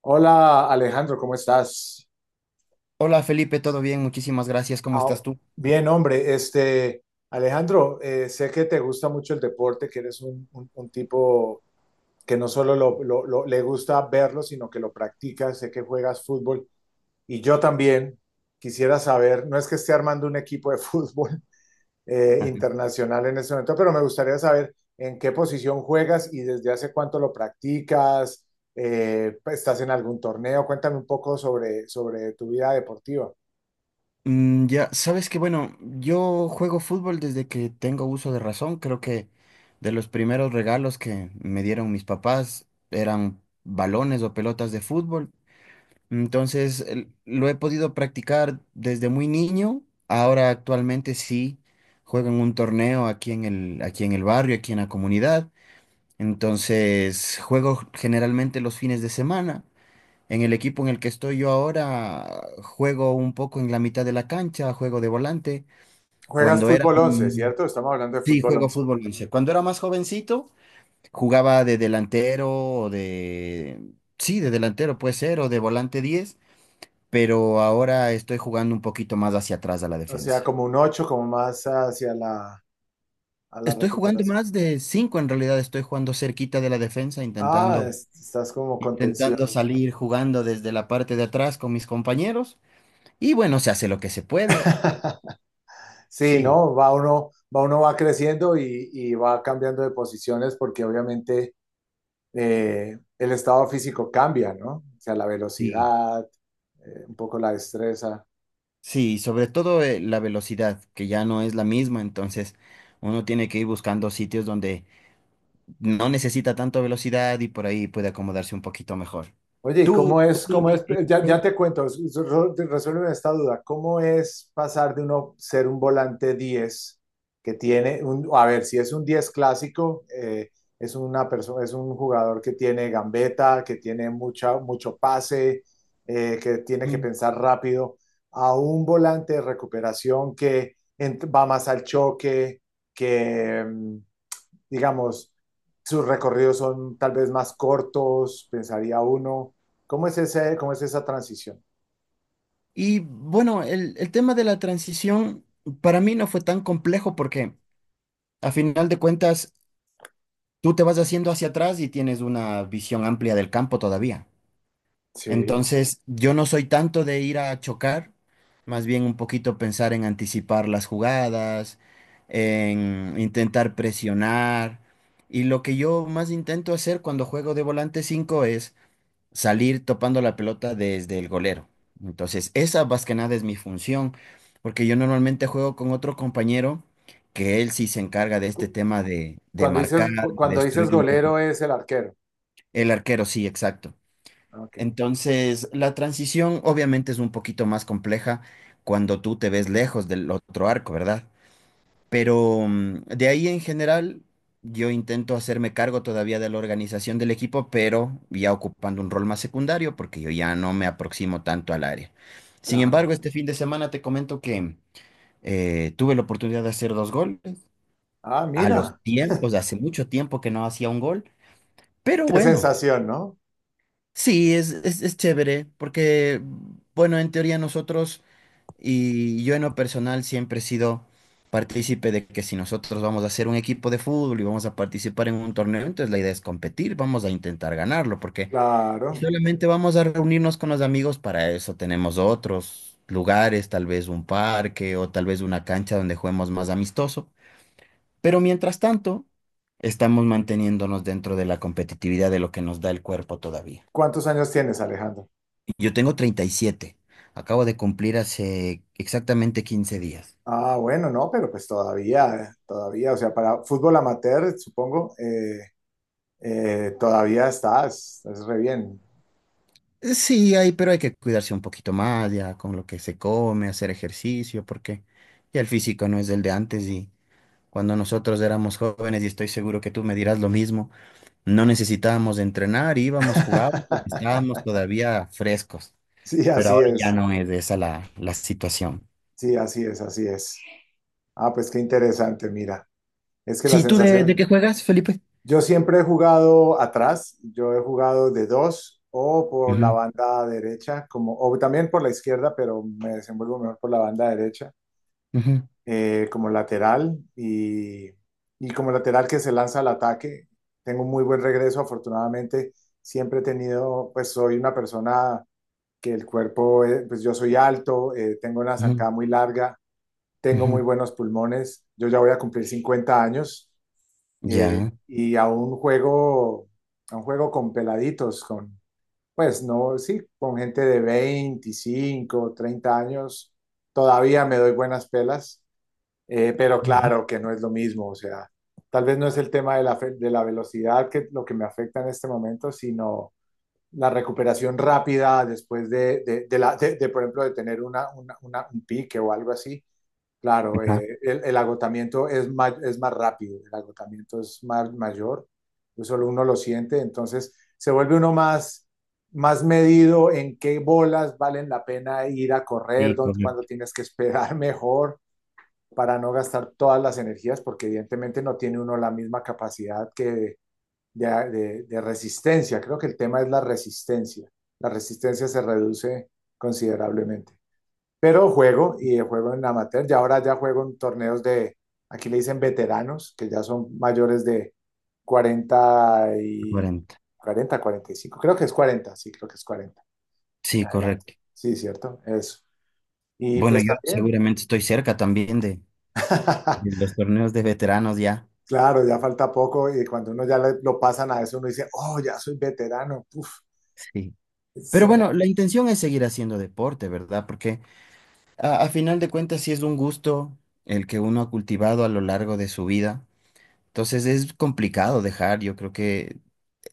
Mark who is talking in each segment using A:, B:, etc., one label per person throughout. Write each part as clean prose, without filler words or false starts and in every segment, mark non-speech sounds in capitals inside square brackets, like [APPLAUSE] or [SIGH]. A: Hola Alejandro, ¿cómo estás?
B: Hola Felipe, ¿todo bien? Muchísimas gracias. ¿Cómo
A: Ah,
B: estás tú?
A: bien, hombre, este Alejandro, sé que te gusta mucho el deporte, que eres un tipo que no solo le gusta verlo, sino que lo practica, sé que juegas fútbol y yo también quisiera saber, no es que esté armando un equipo de [LAUGHS] fútbol
B: [LAUGHS]
A: internacional en este momento, pero me gustaría saber en qué posición juegas y desde hace cuánto lo practicas, estás en algún torneo, cuéntame un poco sobre tu vida deportiva.
B: Ya, sabes que bueno, yo juego fútbol desde que tengo uso de razón. Creo que de los primeros regalos que me dieron mis papás eran balones o pelotas de fútbol. Entonces, lo he podido practicar desde muy niño. Ahora actualmente sí juego en un torneo aquí aquí en el barrio, aquí en la comunidad. Entonces, juego generalmente los fines de semana. En el equipo en el que estoy yo ahora, juego un poco en la mitad de la cancha, juego de volante.
A: Juegas
B: Cuando era,
A: fútbol 11,
B: mm,
A: ¿cierto? Estamos hablando de
B: sí,
A: fútbol
B: juego
A: once.
B: fútbol once. Cuando era más jovencito, jugaba de delantero sí, de delantero puede ser, o de volante 10, pero ahora estoy jugando un poquito más hacia atrás a la
A: O sea,
B: defensa.
A: como un 8, como más hacia a la
B: Estoy jugando
A: recuperación.
B: más de 5 en realidad, estoy jugando cerquita de la defensa,
A: Ah, estás como contención.
B: intentando salir jugando desde la parte de atrás con mis compañeros. Y bueno, se hace lo que se puede.
A: [LAUGHS] Sí,
B: Sí.
A: ¿no? Va uno va creciendo y va cambiando de posiciones porque obviamente el estado físico cambia, ¿no? O sea, la
B: Sí,
A: velocidad, un poco la destreza.
B: sí, sobre todo la velocidad, que ya no es la misma, entonces uno tiene que ir buscando sitios donde no necesita tanta velocidad y por ahí puede acomodarse un poquito mejor.
A: Oye, ¿y
B: Tú,
A: cómo
B: tú-
A: es,
B: tú,
A: cómo es, ya, ya te cuento, resuélveme esta duda? ¿Cómo es pasar de uno ser un volante diez que tiene, a ver, si es un 10 clásico, es una persona, es un jugador que tiene gambeta, que tiene mucho pase, que tiene que
B: Mm.
A: pensar rápido, a un volante de recuperación que va más al choque, que, digamos, sus recorridos son tal vez más cortos, pensaría uno? ¿Cómo es ese, cómo es esa transición?
B: Y bueno, el tema de la transición para mí no fue tan complejo porque a final de cuentas tú te vas haciendo hacia atrás y tienes una visión amplia del campo todavía.
A: Sí.
B: Entonces, yo no soy tanto de ir a chocar, más bien un poquito pensar en anticipar las jugadas, en intentar presionar. Y lo que yo más intento hacer cuando juego de volante 5 es salir topando la pelota desde el golero. Entonces, esa más que nada es mi función, porque yo normalmente juego con otro compañero que él sí se encarga de este
A: Cu-
B: tema de
A: Cuando
B: marcar,
A: dices,
B: de
A: cuando dices
B: destruir un poquito.
A: golero es el arquero.
B: El arquero, sí, exacto.
A: Ah, ok,
B: Entonces, la transición obviamente es un poquito más compleja cuando tú te ves lejos del otro arco, ¿verdad? Pero de ahí en general, yo intento hacerme cargo todavía de la organización del equipo, pero ya ocupando un rol más secundario porque yo ya no me aproximo tanto al área. Sin
A: claro.
B: embargo, este fin de semana te comento que tuve la oportunidad de hacer dos goles
A: Ah,
B: a los
A: mira,
B: tiempos, hace mucho tiempo que no hacía un gol, pero
A: qué
B: bueno.
A: sensación, ¿no?
B: Sí, es chévere, porque, bueno, en teoría nosotros y yo en lo personal siempre he sido partícipe de que si nosotros vamos a hacer un equipo de fútbol y vamos a participar en un torneo, entonces la idea es competir, vamos a intentar ganarlo, porque si
A: Claro.
B: solamente vamos a reunirnos con los amigos, para eso tenemos otros lugares, tal vez un parque o tal vez una cancha donde juguemos más amistoso, pero mientras tanto, estamos manteniéndonos dentro de la competitividad de lo que nos da el cuerpo todavía.
A: ¿Cuántos años tienes, Alejandro?
B: Yo tengo 37. Acabo de cumplir hace exactamente 15 días.
A: Ah, bueno, no, pero pues todavía, todavía, o sea, para fútbol amateur, supongo, todavía estás re bien.
B: Sí, hay, pero hay que cuidarse un poquito más ya con lo que se come, hacer ejercicio, porque ya el físico no es el de antes y cuando nosotros éramos jóvenes, y estoy seguro que tú me dirás lo mismo, no necesitábamos entrenar, íbamos, jugábamos, y
A: [LAUGHS]
B: estábamos todavía frescos,
A: Sí,
B: pero
A: así
B: ahora ya
A: es,
B: no es esa la situación.
A: sí, así es, así es. Ah, pues qué interesante, mira. Es que la
B: Sí, ¿tú de
A: sensación,
B: qué juegas, Felipe?
A: yo siempre he jugado atrás, yo he jugado de dos o por la
B: Ujú,
A: banda derecha, como, o también por la izquierda, pero me desenvuelvo mejor por la banda derecha,
B: ujú,
A: como lateral y como lateral que se lanza al ataque. Tengo un muy buen regreso, afortunadamente. Siempre he tenido, pues soy una persona que el cuerpo, pues yo soy alto, tengo una
B: ujú,
A: zancada muy larga, tengo muy
B: ujú.
A: buenos pulmones. Yo ya voy a cumplir 50 años. eh,
B: Ya.
A: y a un juego, a un juego con peladitos, pues no, sí, con gente de 25 30 años, todavía me doy buenas pelas, pero
B: Ujú.
A: claro que no es lo mismo, o sea, tal vez no es el tema de la, de la velocidad que lo que me afecta en este momento, sino la recuperación rápida después de la, de, por ejemplo, de tener un pique o algo así. Claro,
B: Ajá.
A: el agotamiento es más rápido, el agotamiento es más mayor, eso solo uno lo siente, entonces se vuelve uno más, más medido en qué bolas valen la pena ir a correr,
B: Sí,
A: dónde, cuándo
B: correcto.
A: tienes que esperar [LAUGHS] mejor para no gastar todas las energías, porque evidentemente no tiene uno la misma capacidad que de resistencia. Creo que el tema es la resistencia. La resistencia se reduce considerablemente. Pero juego y juego en amateur. Y ahora ya juego en torneos de, aquí le dicen veteranos, que ya son mayores de 40 y,
B: Cuarenta.
A: cuarenta, cuarenta y cinco. Creo que es cuarenta, sí, creo que es 40 en
B: Sí,
A: adelante.
B: correcto.
A: Sí, cierto, eso. Y
B: Bueno,
A: pues
B: yo
A: también,
B: seguramente estoy cerca también de
A: [LAUGHS]
B: los torneos de veteranos ya.
A: claro, ya falta poco y cuando uno ya lo pasan a eso, uno dice, oh, ya soy veterano. Uf,
B: Sí. Pero bueno, la intención es seguir haciendo deporte, ¿verdad? Porque a final de cuentas sí es un gusto el que uno ha cultivado a lo largo de su vida. Entonces es complicado dejar. Yo creo que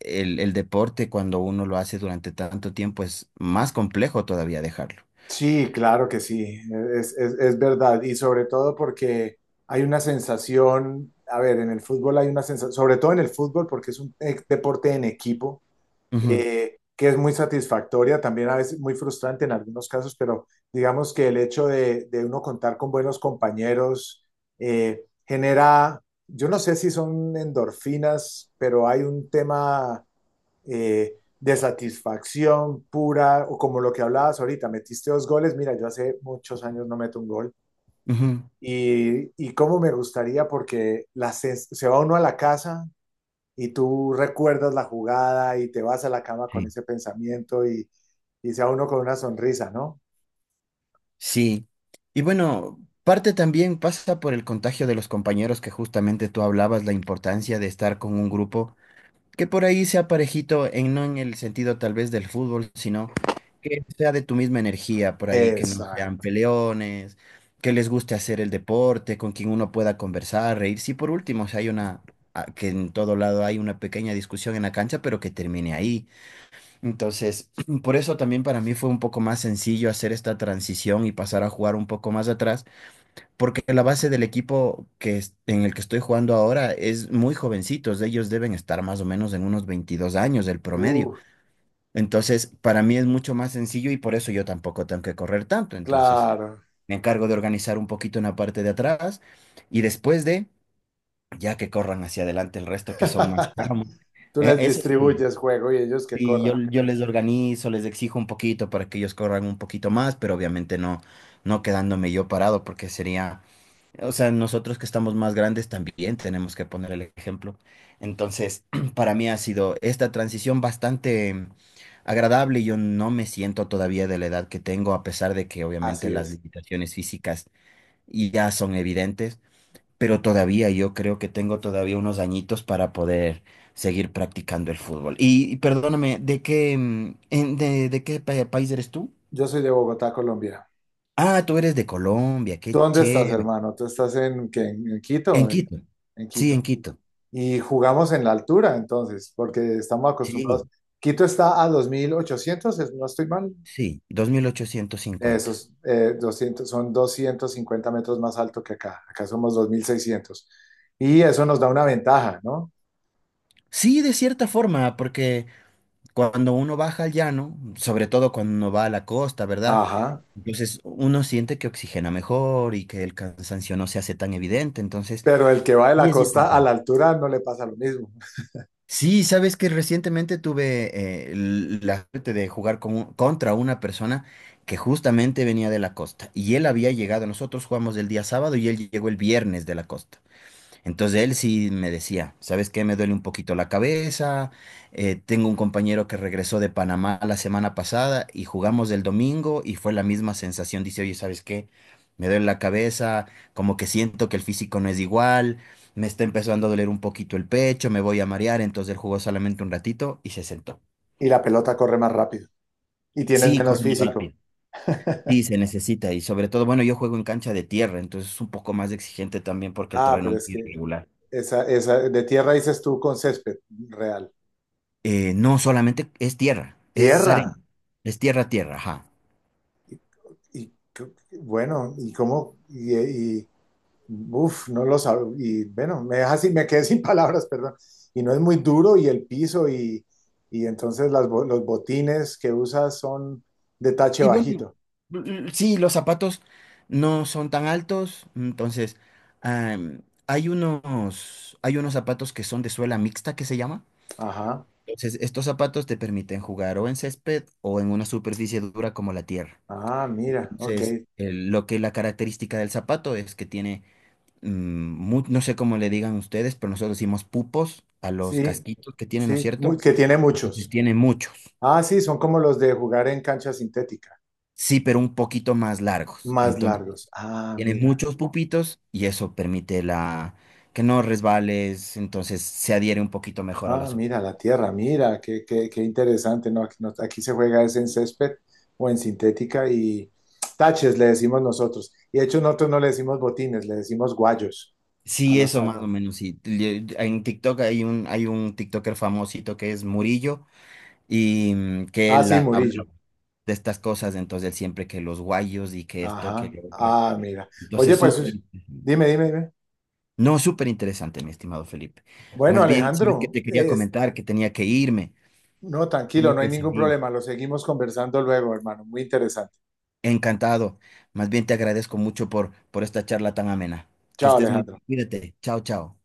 B: el deporte cuando uno lo hace durante tanto tiempo es más complejo todavía dejarlo.
A: sí, claro que sí, es verdad. Y sobre todo porque hay una sensación, a ver, en el fútbol hay una sensación, sobre todo en el fútbol porque es un deporte en equipo,
B: Ujú,
A: que es muy satisfactoria, también a veces muy frustrante en algunos casos, pero digamos que el hecho de uno contar con buenos compañeros genera, yo no sé si son endorfinas, pero hay un tema de satisfacción pura, o como lo que hablabas ahorita, metiste dos goles, mira, yo hace muchos años no meto un gol,
B: ujú.
A: y cómo me gustaría, porque la se va uno a la casa y tú recuerdas la jugada y te vas a la cama con
B: Sí.
A: ese pensamiento y se va uno con una sonrisa, ¿no?
B: Sí, y bueno, parte también pasa por el contagio de los compañeros que justamente tú hablabas, la importancia de estar con un grupo que por ahí sea parejito, no en el sentido tal vez del fútbol, sino que sea de tu misma energía por ahí, que no sean
A: Exacto.
B: peleones, que les guste hacer el deporte, con quien uno pueda conversar, reírse. Y por último, si hay una, a- que en todo lado hay una pequeña discusión en la cancha, pero que termine ahí, entonces, [CLEARS THROAT] por eso también para mí fue un poco más sencillo hacer esta transición y pasar a jugar un poco más atrás, porque la base del equipo en el que estoy jugando ahora es muy jovencitos, ellos deben estar más o menos en unos 22 años el promedio.
A: Uh,
B: Entonces, para mí es mucho más sencillo y por eso yo tampoco tengo que correr tanto. Entonces,
A: claro.
B: me encargo de organizar un poquito en la parte de atrás y ya que corran hacia adelante el resto que son más
A: [LAUGHS]
B: tramos.
A: Tú les
B: Eso sí,
A: distribuyes juego y ellos que
B: y
A: corran.
B: yo les organizo, les exijo un poquito para que ellos corran un poquito más, pero obviamente no, no quedándome yo parado, porque sería, o sea, nosotros que estamos más grandes también tenemos que poner el ejemplo. Entonces, [CLEARS THROAT] para mí ha sido esta transición bastante agradable. Yo no me siento todavía de la edad que tengo, a pesar de que obviamente
A: Así
B: las
A: es.
B: limitaciones físicas ya son evidentes, pero todavía yo creo que tengo todavía unos añitos para poder seguir practicando el fútbol. Y perdóname, ¿de qué, de qué país eres tú?
A: Yo soy de Bogotá, Colombia.
B: Ah, tú eres de Colombia,
A: ¿Tú
B: qué
A: dónde estás,
B: chévere.
A: hermano? ¿Tú estás en, qué, en
B: En
A: Quito? En,
B: Quito.
A: en
B: Sí,
A: Quito.
B: en Quito.
A: Y jugamos en la altura, entonces, porque estamos acostumbrados.
B: Sí,
A: Quito está a 2.800, no estoy mal.
B: sí, 2850.
A: Esos 200, son 250 metros más alto que acá. Acá somos dos mil seiscientos. Y eso nos da una ventaja, ¿no?
B: Sí, de cierta forma, porque cuando uno baja al llano, sobre todo cuando uno va a la costa, ¿verdad?
A: Ajá.
B: Entonces uno siente que oxigena mejor y que el cansancio no se hace tan evidente. Entonces,
A: Pero el que va de
B: sí
A: la
B: es
A: costa a la
B: importante.
A: altura no le pasa lo mismo.
B: Sí, sabes que recientemente tuve la suerte de jugar contra una persona que justamente venía de la costa y él había llegado, nosotros jugamos el día sábado y él llegó el viernes de la costa. Entonces él sí me decía, ¿sabes qué? Me duele un poquito la cabeza, tengo un compañero que regresó de Panamá la semana pasada y jugamos el domingo y fue la misma sensación. Dice, oye, ¿sabes qué? Me duele la cabeza, como que siento que el físico no es igual, me está empezando a doler un poquito el pecho, me voy a marear. Entonces él jugó solamente un ratito y se sentó.
A: Y la pelota corre más rápido. Y tienes
B: Sí, corre
A: menos
B: muy
A: físico.
B: rápido. Sí,
A: [LAUGHS]
B: se necesita y sobre todo, bueno, yo juego en cancha de tierra, entonces es un poco más exigente también porque el
A: Ah,
B: terreno
A: pero
B: es
A: es
B: muy
A: que
B: irregular.
A: esa de tierra dices tú con césped real.
B: No solamente es tierra, es arena,
A: Tierra.
B: es tierra, tierra, ajá.
A: Y, y co- bueno, y cómo, y uf, no lo Y bueno, me deja así, me quedé [LAUGHS] sin palabras, perdón. Y no es muy duro, y el piso, y entonces las, los botines que usas son de tache
B: Y bueno,
A: bajito.
B: sí, los zapatos no son tan altos, entonces hay unos zapatos que son de suela mixta que se llama.
A: Ajá.
B: Entonces, estos zapatos te permiten jugar o en césped o en una superficie dura como la tierra.
A: Ah, mira, ok.
B: Entonces, el- lo que la característica del zapato es que tiene, no sé cómo le digan ustedes, pero nosotros decimos pupos a los
A: Sí,
B: casquitos que tienen, ¿no es
A: sí,
B: cierto?
A: que tiene
B: Entonces
A: muchos.
B: tiene mucho.
A: Ah, sí, son como los de jugar en cancha sintética,
B: Sí, pero un poquito más largos.
A: más
B: Entonces,
A: largos. Ah,
B: tiene
A: mira.
B: muchos pupitos y eso permite la que no resbales, entonces se adhiere un poquito mejor a la
A: Ah, mira, la tierra, mira, qué, qué, qué interesante, ¿no? Aquí, aquí se juega es en césped o en sintética y taches le decimos nosotros. Y de hecho nosotros no le decimos botines, le decimos guayos a
B: sí,
A: los
B: eso más o
A: árboles.
B: menos, sí. En TikTok hay un TikToker famosito que es Murillo y que
A: Ah, sí,
B: habla
A: Murillo.
B: de estas cosas, entonces él siempre que los guayos y que esto, que
A: Ajá.
B: lo otro.
A: Ah, mira. Oye,
B: Entonces, súper
A: pues
B: interesante.
A: dime, dime, dime.
B: No, súper interesante, mi estimado Felipe.
A: Bueno,
B: Más bien, sabes que
A: Alejandro,
B: te quería comentar que tenía que irme,
A: no, tranquilo,
B: tengo
A: no hay
B: que
A: ningún
B: salir.
A: problema. Lo seguimos conversando luego, hermano. Muy interesante.
B: Encantado. Más bien te agradezco mucho por esta charla tan amena. Que
A: Chao,
B: estés muy
A: Alejandro.
B: bien. Cuídate. Chao, chao.